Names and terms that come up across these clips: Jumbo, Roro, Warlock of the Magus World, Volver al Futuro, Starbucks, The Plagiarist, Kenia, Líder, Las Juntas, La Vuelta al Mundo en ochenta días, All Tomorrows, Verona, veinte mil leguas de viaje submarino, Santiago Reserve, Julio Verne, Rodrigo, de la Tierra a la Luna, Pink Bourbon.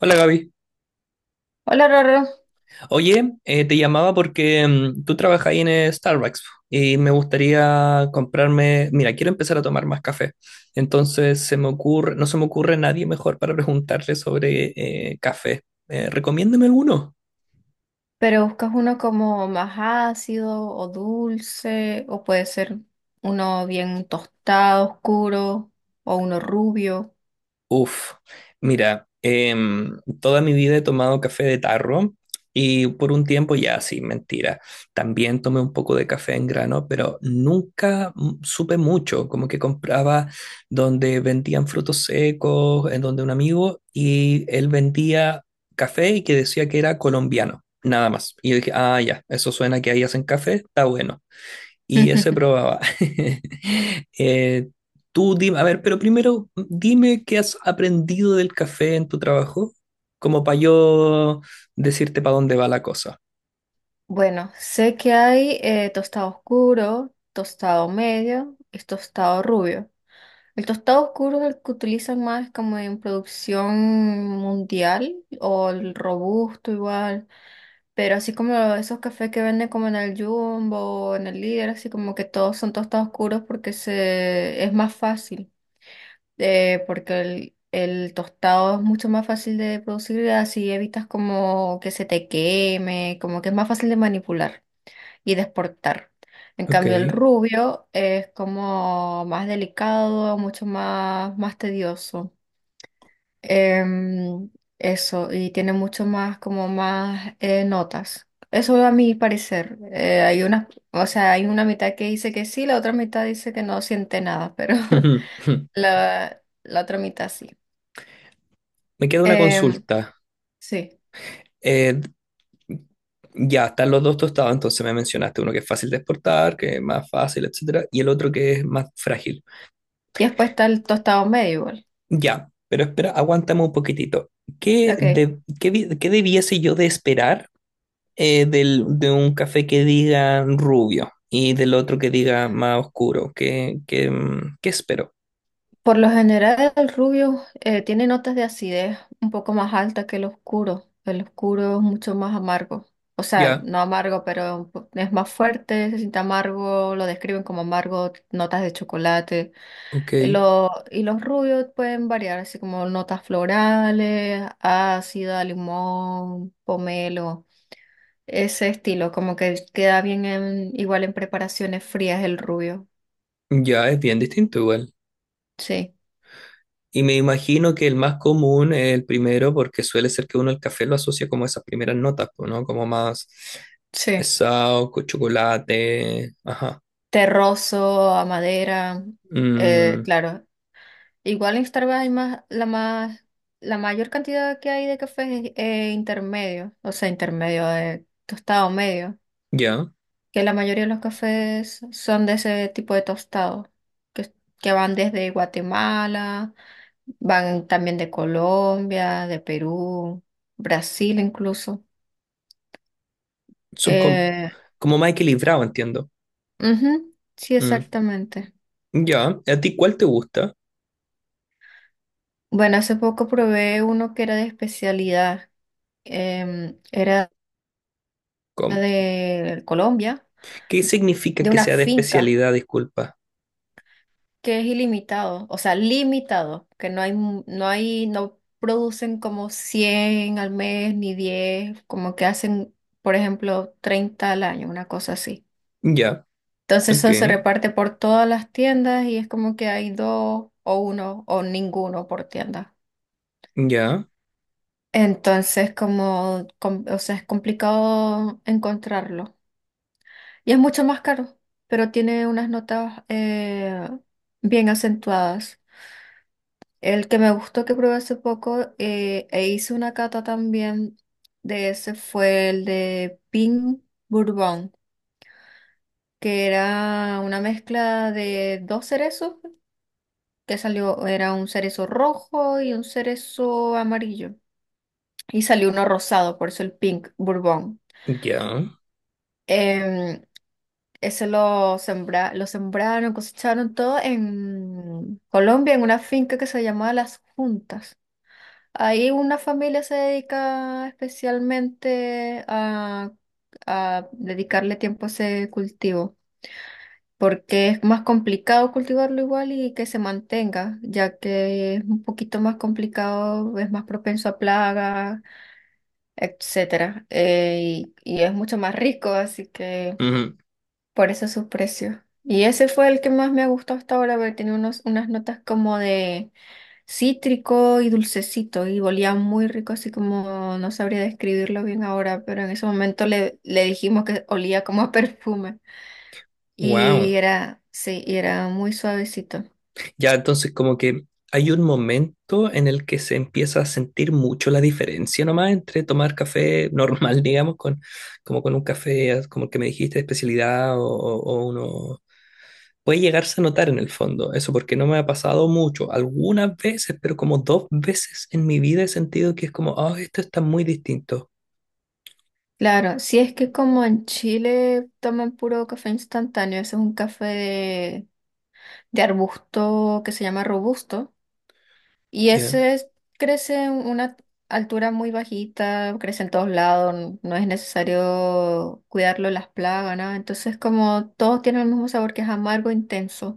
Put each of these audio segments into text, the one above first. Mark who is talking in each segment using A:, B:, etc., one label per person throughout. A: Hola, Gaby.
B: Hola, Roro.
A: Oye, te llamaba porque tú trabajas ahí en Starbucks y me gustaría comprarme, mira, quiero empezar a tomar más café. Entonces se me ocurre, no se me ocurre nadie mejor para preguntarle sobre café. Recomiéndame alguno.
B: Pero buscas uno como más ácido o dulce, o puede ser uno bien tostado, oscuro, o uno rubio.
A: Uf, mira, toda mi vida he tomado café de tarro y por un tiempo ya, sí, mentira. También tomé un poco de café en grano, pero nunca supe mucho, como que compraba donde vendían frutos secos, en donde un amigo, y él vendía café y que decía que era colombiano, nada más. Y yo dije, ah, ya, eso suena que ahí hacen café, está bueno. Y eso probaba. Eh, tú dime, a ver, pero primero dime qué has aprendido del café en tu trabajo, como para yo decirte para dónde va la cosa.
B: Bueno, sé que hay tostado oscuro, tostado medio y tostado rubio. El tostado oscuro es el que utilizan más como en producción mundial o el robusto igual. Pero así como esos cafés que venden como en el Jumbo o en el Líder, así como que todos son tostados oscuros porque se, es más fácil, porque el tostado es mucho más fácil de producir y así evitas como que se te queme, como que es más fácil de manipular y de exportar. En
A: Ok.
B: cambio, el rubio es como más delicado, mucho más, más tedioso. Em, eso, y tiene mucho más, como más notas. Eso a mi parecer. Hay una, o sea, hay una mitad que dice que sí, la otra mitad dice que no siente nada, pero la otra mitad sí.
A: Me queda una
B: Em,
A: consulta.
B: sí.
A: Eh, ya, están los dos tostados, entonces me mencionaste uno que es fácil de exportar, que es más fácil, etcétera, y el otro que es más frágil.
B: Y después está el tostado medio igual.
A: Ya, pero espera, aguántame un poquitito. ¿Qué,
B: Ok.
A: de- qué vi- Qué debiese yo de esperar de un café que diga rubio y del otro que diga más oscuro? ¿ Qué espero?
B: Por lo general, el rubio tiene notas de acidez un poco más altas que el oscuro. El oscuro es mucho más amargo. O sea,
A: Ya,
B: no amargo, pero un po- es más fuerte, se siente amargo, lo describen como amargo, notas de chocolate.
A: ok.
B: Lo- y los rubios pueden variar, así como notas florales, ácida, limón, pomelo, ese estilo, como que queda bien en- igual en preparaciones frías el rubio.
A: Ya es bien distinto igual.
B: Sí,
A: Y me imagino que el más común es el primero porque suele ser que uno el café lo asocia como a esas primeras notas, pues, ¿no? Como más
B: sí,
A: pesado, con chocolate. Ajá.
B: terroso, a madera,
A: Mm,
B: claro. Igual en Starbucks hay más, la mayor cantidad que hay de cafés es intermedio, o sea, intermedio de tostado medio,
A: ya.
B: que la mayoría de los cafés son de ese tipo de tostado, que, que van desde Guatemala, van también de Colombia, de Perú, Brasil incluso.
A: Son com-
B: Eh,
A: Como más equilibrado, entiendo.
B: ujú, sí,
A: Mm,
B: exactamente.
A: ya. ¿A ti cuál te gusta?
B: Bueno, hace poco probé uno que era de especialidad. Em, era de Colombia,
A: ¿Qué significa
B: de
A: que
B: una
A: sea de
B: finca
A: especialidad? Disculpa.
B: que es ilimitado, o sea, limitado, que no hay, mu- no hay, no producen como 100 al mes ni 10, como que hacen, por ejemplo, 30 al año, una cosa así.
A: Ya,
B: Entonces
A: ok.
B: eso se reparte por todas las tiendas y es como que hay dos o uno o ninguno por tienda.
A: Ya,
B: Entonces, como, com- o sea, es complicado encontrarlo. Y es mucho más caro, pero tiene unas notas bien acentuadas. El que me gustó que probé hace poco e hice una cata también de ese fue el de Pink Bourbon, que era una mezcla de dos cerezos, que salió, era un cerezo rojo y un cerezo amarillo. Y salió uno rosado, por eso el Pink Bourbon.
A: ya.
B: Em, Eso lo, sembra, lo sembraron, cosecharon todo en Colombia, en una finca que se llamaba Las Juntas. Ahí una familia se dedica especialmente a dedicarle tiempo a ese cultivo, porque es más complicado cultivarlo igual y que se mantenga, ya que es un poquito más complicado, es más propenso a plagas, etcétera, y es mucho más rico, así que por eso su precio. Y ese fue el que más me ha gustado hasta ahora, porque tenía unos, unas notas como de cítrico y dulcecito, y olía muy rico, así como no sabría describirlo bien ahora, pero en ese momento le, le dijimos que olía como a perfume. Y
A: Wow.
B: era, sí, y era muy suavecito.
A: Ya, entonces como que hay un momento en el que se empieza a sentir mucho la diferencia nomás entre tomar café normal, digamos, con, como con un café, como el que me dijiste, de especialidad o, o uno... Puede llegarse a notar en el fondo, eso porque no me ha pasado mucho, algunas veces, pero como dos veces en mi vida he sentido que es como, ah, esto está muy distinto.
B: Claro, si es que como en Chile toman puro café instantáneo, ese es un café de arbusto que se llama robusto. Y
A: Ya.
B: ese es- crece en una altura muy bajita, crece en todos lados, n- no es necesario cuidarlo las plagas, nada. Entonces, como todos tienen el mismo sabor que es amargo, intenso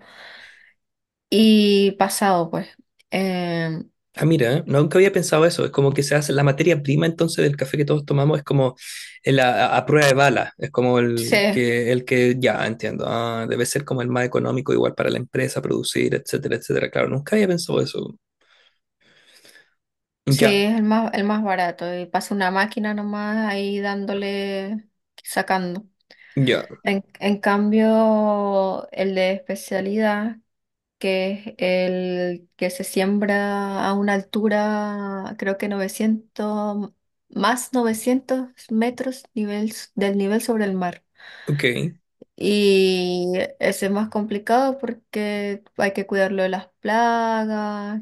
B: y pasado, pues. Eh,
A: Ah, mira, nunca había pensado eso. Es como que se hace la materia prima entonces del café que todos tomamos, es como a prueba de bala. Es como
B: sí,
A: el que ya entiendo. Ah, debe ser como el más económico, igual para la empresa, producir, etcétera, etcétera. Claro, nunca había pensado eso.
B: sí,
A: Ya,
B: es el más barato. Y pasa una máquina nomás ahí dándole, sacando.
A: ya,
B: En cambio, el de especialidad que es el que se siembra a una altura, creo que 900 más, 900 metros nivel, s- del nivel sobre el mar.
A: ok,
B: Y ese es más complicado porque hay que cuidarlo de las plagas,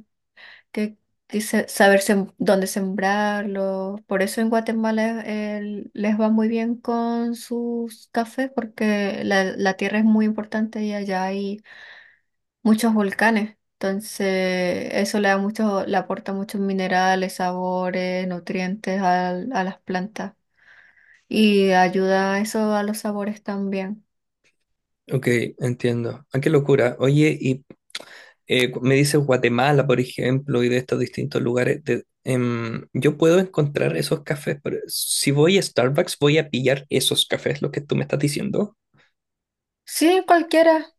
B: que, que se- saber sem- dónde sembrarlo. Por eso en Guatemala les va muy bien con sus cafés porque la tierra es muy importante y allá hay muchos volcanes. Entonces, eso le da mucho, le aporta muchos minerales, sabores, nutrientes al- a, las plantas. Y ayuda eso a los sabores también.
A: ok, entiendo. Ah, qué locura. Oye, y me dices Guatemala, por ejemplo, y de estos distintos lugares. Yo puedo encontrar esos cafés, pero si voy a Starbucks, voy a pillar esos cafés, lo que tú me estás diciendo.
B: Sí, cualquiera,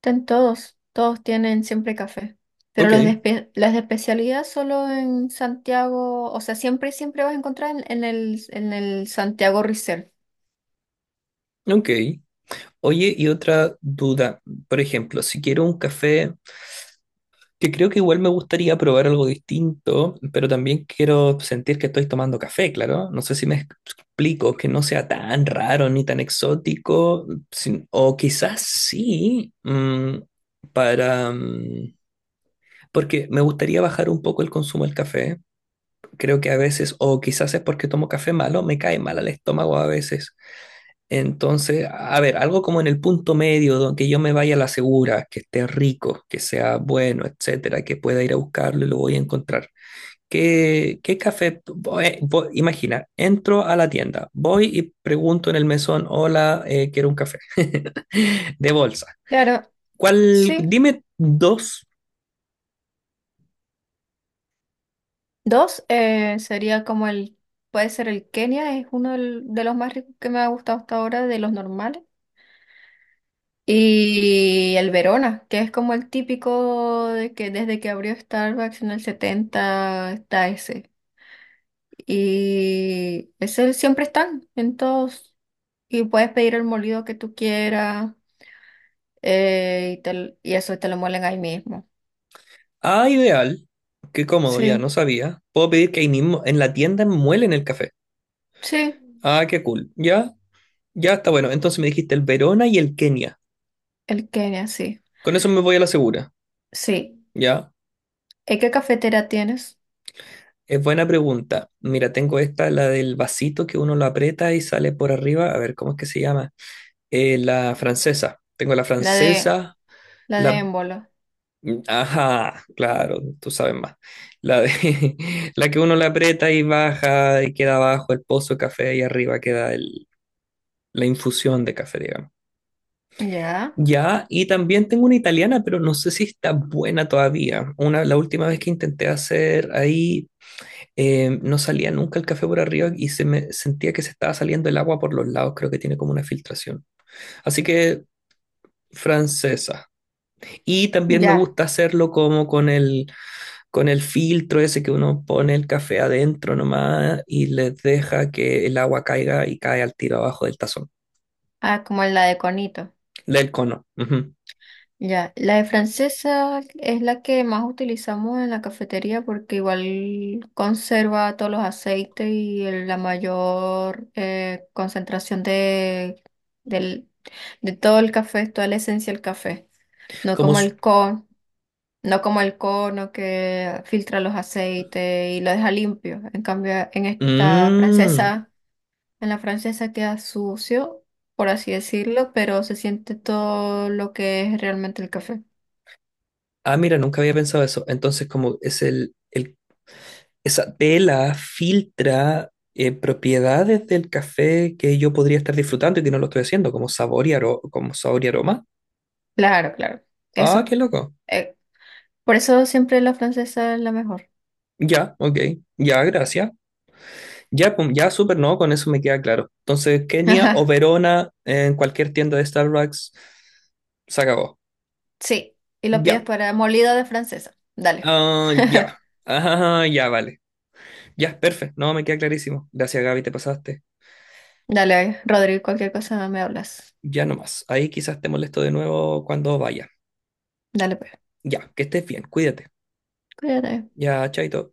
B: ten todos. Todos tienen siempre café. Pero
A: Ok,
B: los de, espe- las de especialidad solo en Santiago, o sea, siempre, siempre vas a encontrar en el Santiago Reserve.
A: ok. Oye, y otra duda. Por ejemplo, si quiero un café, que creo que igual me gustaría probar algo distinto, pero también quiero sentir que estoy tomando café, claro. No sé si me explico, que no sea tan raro ni tan exótico, o quizás sí, mm, para... mm, porque me gustaría bajar un poco el consumo del café. Creo que a veces, o quizás es porque tomo café malo, me cae mal al estómago a veces. Entonces, a ver, algo como en el punto medio, donde yo me vaya a la segura, que esté rico, que sea bueno, etcétera, que pueda ir a buscarlo y lo voy a encontrar. ¿Qué, qué café? Imagina, entro a la tienda, voy y pregunto en el mesón, hola, quiero un café de bolsa.
B: Claro,
A: ¿Cuál?
B: sí.
A: Dime dos.
B: Dos, sería como el, puede ser el Kenia, es uno del- de los más ricos que me ha gustado hasta ahora, de los normales. Y el Verona, que es como el típico de que desde que abrió Starbucks en el 70 está ese. Y ese siempre están en todos. Y puedes pedir el molido que tú quieras y, te y eso te lo muelen ahí mismo.
A: Ah, ideal. Qué cómodo, ya no
B: Sí,
A: sabía. Puedo pedir que ahí mismo en la tienda muelen el café.
B: sí,
A: Ah, qué cool. Ya, ya está bueno. Entonces me dijiste el Verona y el Kenia.
B: el Kenia, sí.
A: Con eso me voy a la segura,
B: Sí.
A: ¿ya?
B: ¿Y qué cafetera tienes?
A: Es buena pregunta. Mira, tengo esta, la del vasito que uno lo aprieta y sale por arriba. A ver, ¿cómo es que se llama? La francesa. Tengo la
B: La de,
A: francesa,
B: la de
A: la...
B: Émbolo.
A: Ajá, claro, tú sabes más. La de... la que uno le aprieta y baja y queda abajo el pozo de café y arriba queda el- la infusión de café, digamos.
B: Ya,
A: Ya, y también tengo una italiana, pero no sé si está buena todavía. Una, la última vez que intenté hacer ahí... no salía nunca el café por arriba y se me sentía que se estaba saliendo el agua por los lados, creo que tiene como una filtración. Así que francesa. Y también me
B: ya.
A: gusta hacerlo como con el filtro ese que uno pone el café adentro nomás y les deja que el agua caiga y cae al tiro abajo del tazón,
B: Ah, como la de Conito.
A: del cono. Ujú.
B: Ya, la de francesa es la que más utilizamos en la cafetería porque igual conserva todos los aceites y el- la mayor concentración de, del, de todo el café, toda la esencia del café. No
A: Como...
B: como
A: s-
B: el con, no como el cono que filtra los aceites y lo deja limpio. En cambio, en esta
A: Mm.
B: francesa, en la francesa queda sucio, por así decirlo, pero se siente todo lo que es realmente el café.
A: Ah, mira, nunca había pensado eso. Entonces, como es el esa vela filtra propiedades del café que yo podría estar disfrutando y que no lo estoy haciendo, como sabor y, como sabor y aroma.
B: Claro, claro.
A: Ah,
B: Eso.
A: qué loco.
B: Eh, por eso siempre la francesa es la mejor.
A: Ya, ok. Ya, gracias. Ya, pum, ya, súper, no, con eso me queda claro. Entonces, Kenia o
B: Ajá.
A: Verona en cualquier tienda de Starbucks, se acabó.
B: Sí. Y lo pides
A: Ya,
B: para molido de francesa. Dale.
A: ah, ya. Ajá, ya, vale. Ya, perfecto. No, me queda clarísimo. Gracias, Gaby, te pasaste.
B: Dale, Rodrigo, cualquier cosa me hablas.
A: Ya nomás. Ahí quizás te molesto de nuevo cuando vaya.
B: Dale, pues.
A: Ya, que estés bien, cuídate.
B: Cuídate.
A: Ya, chaito.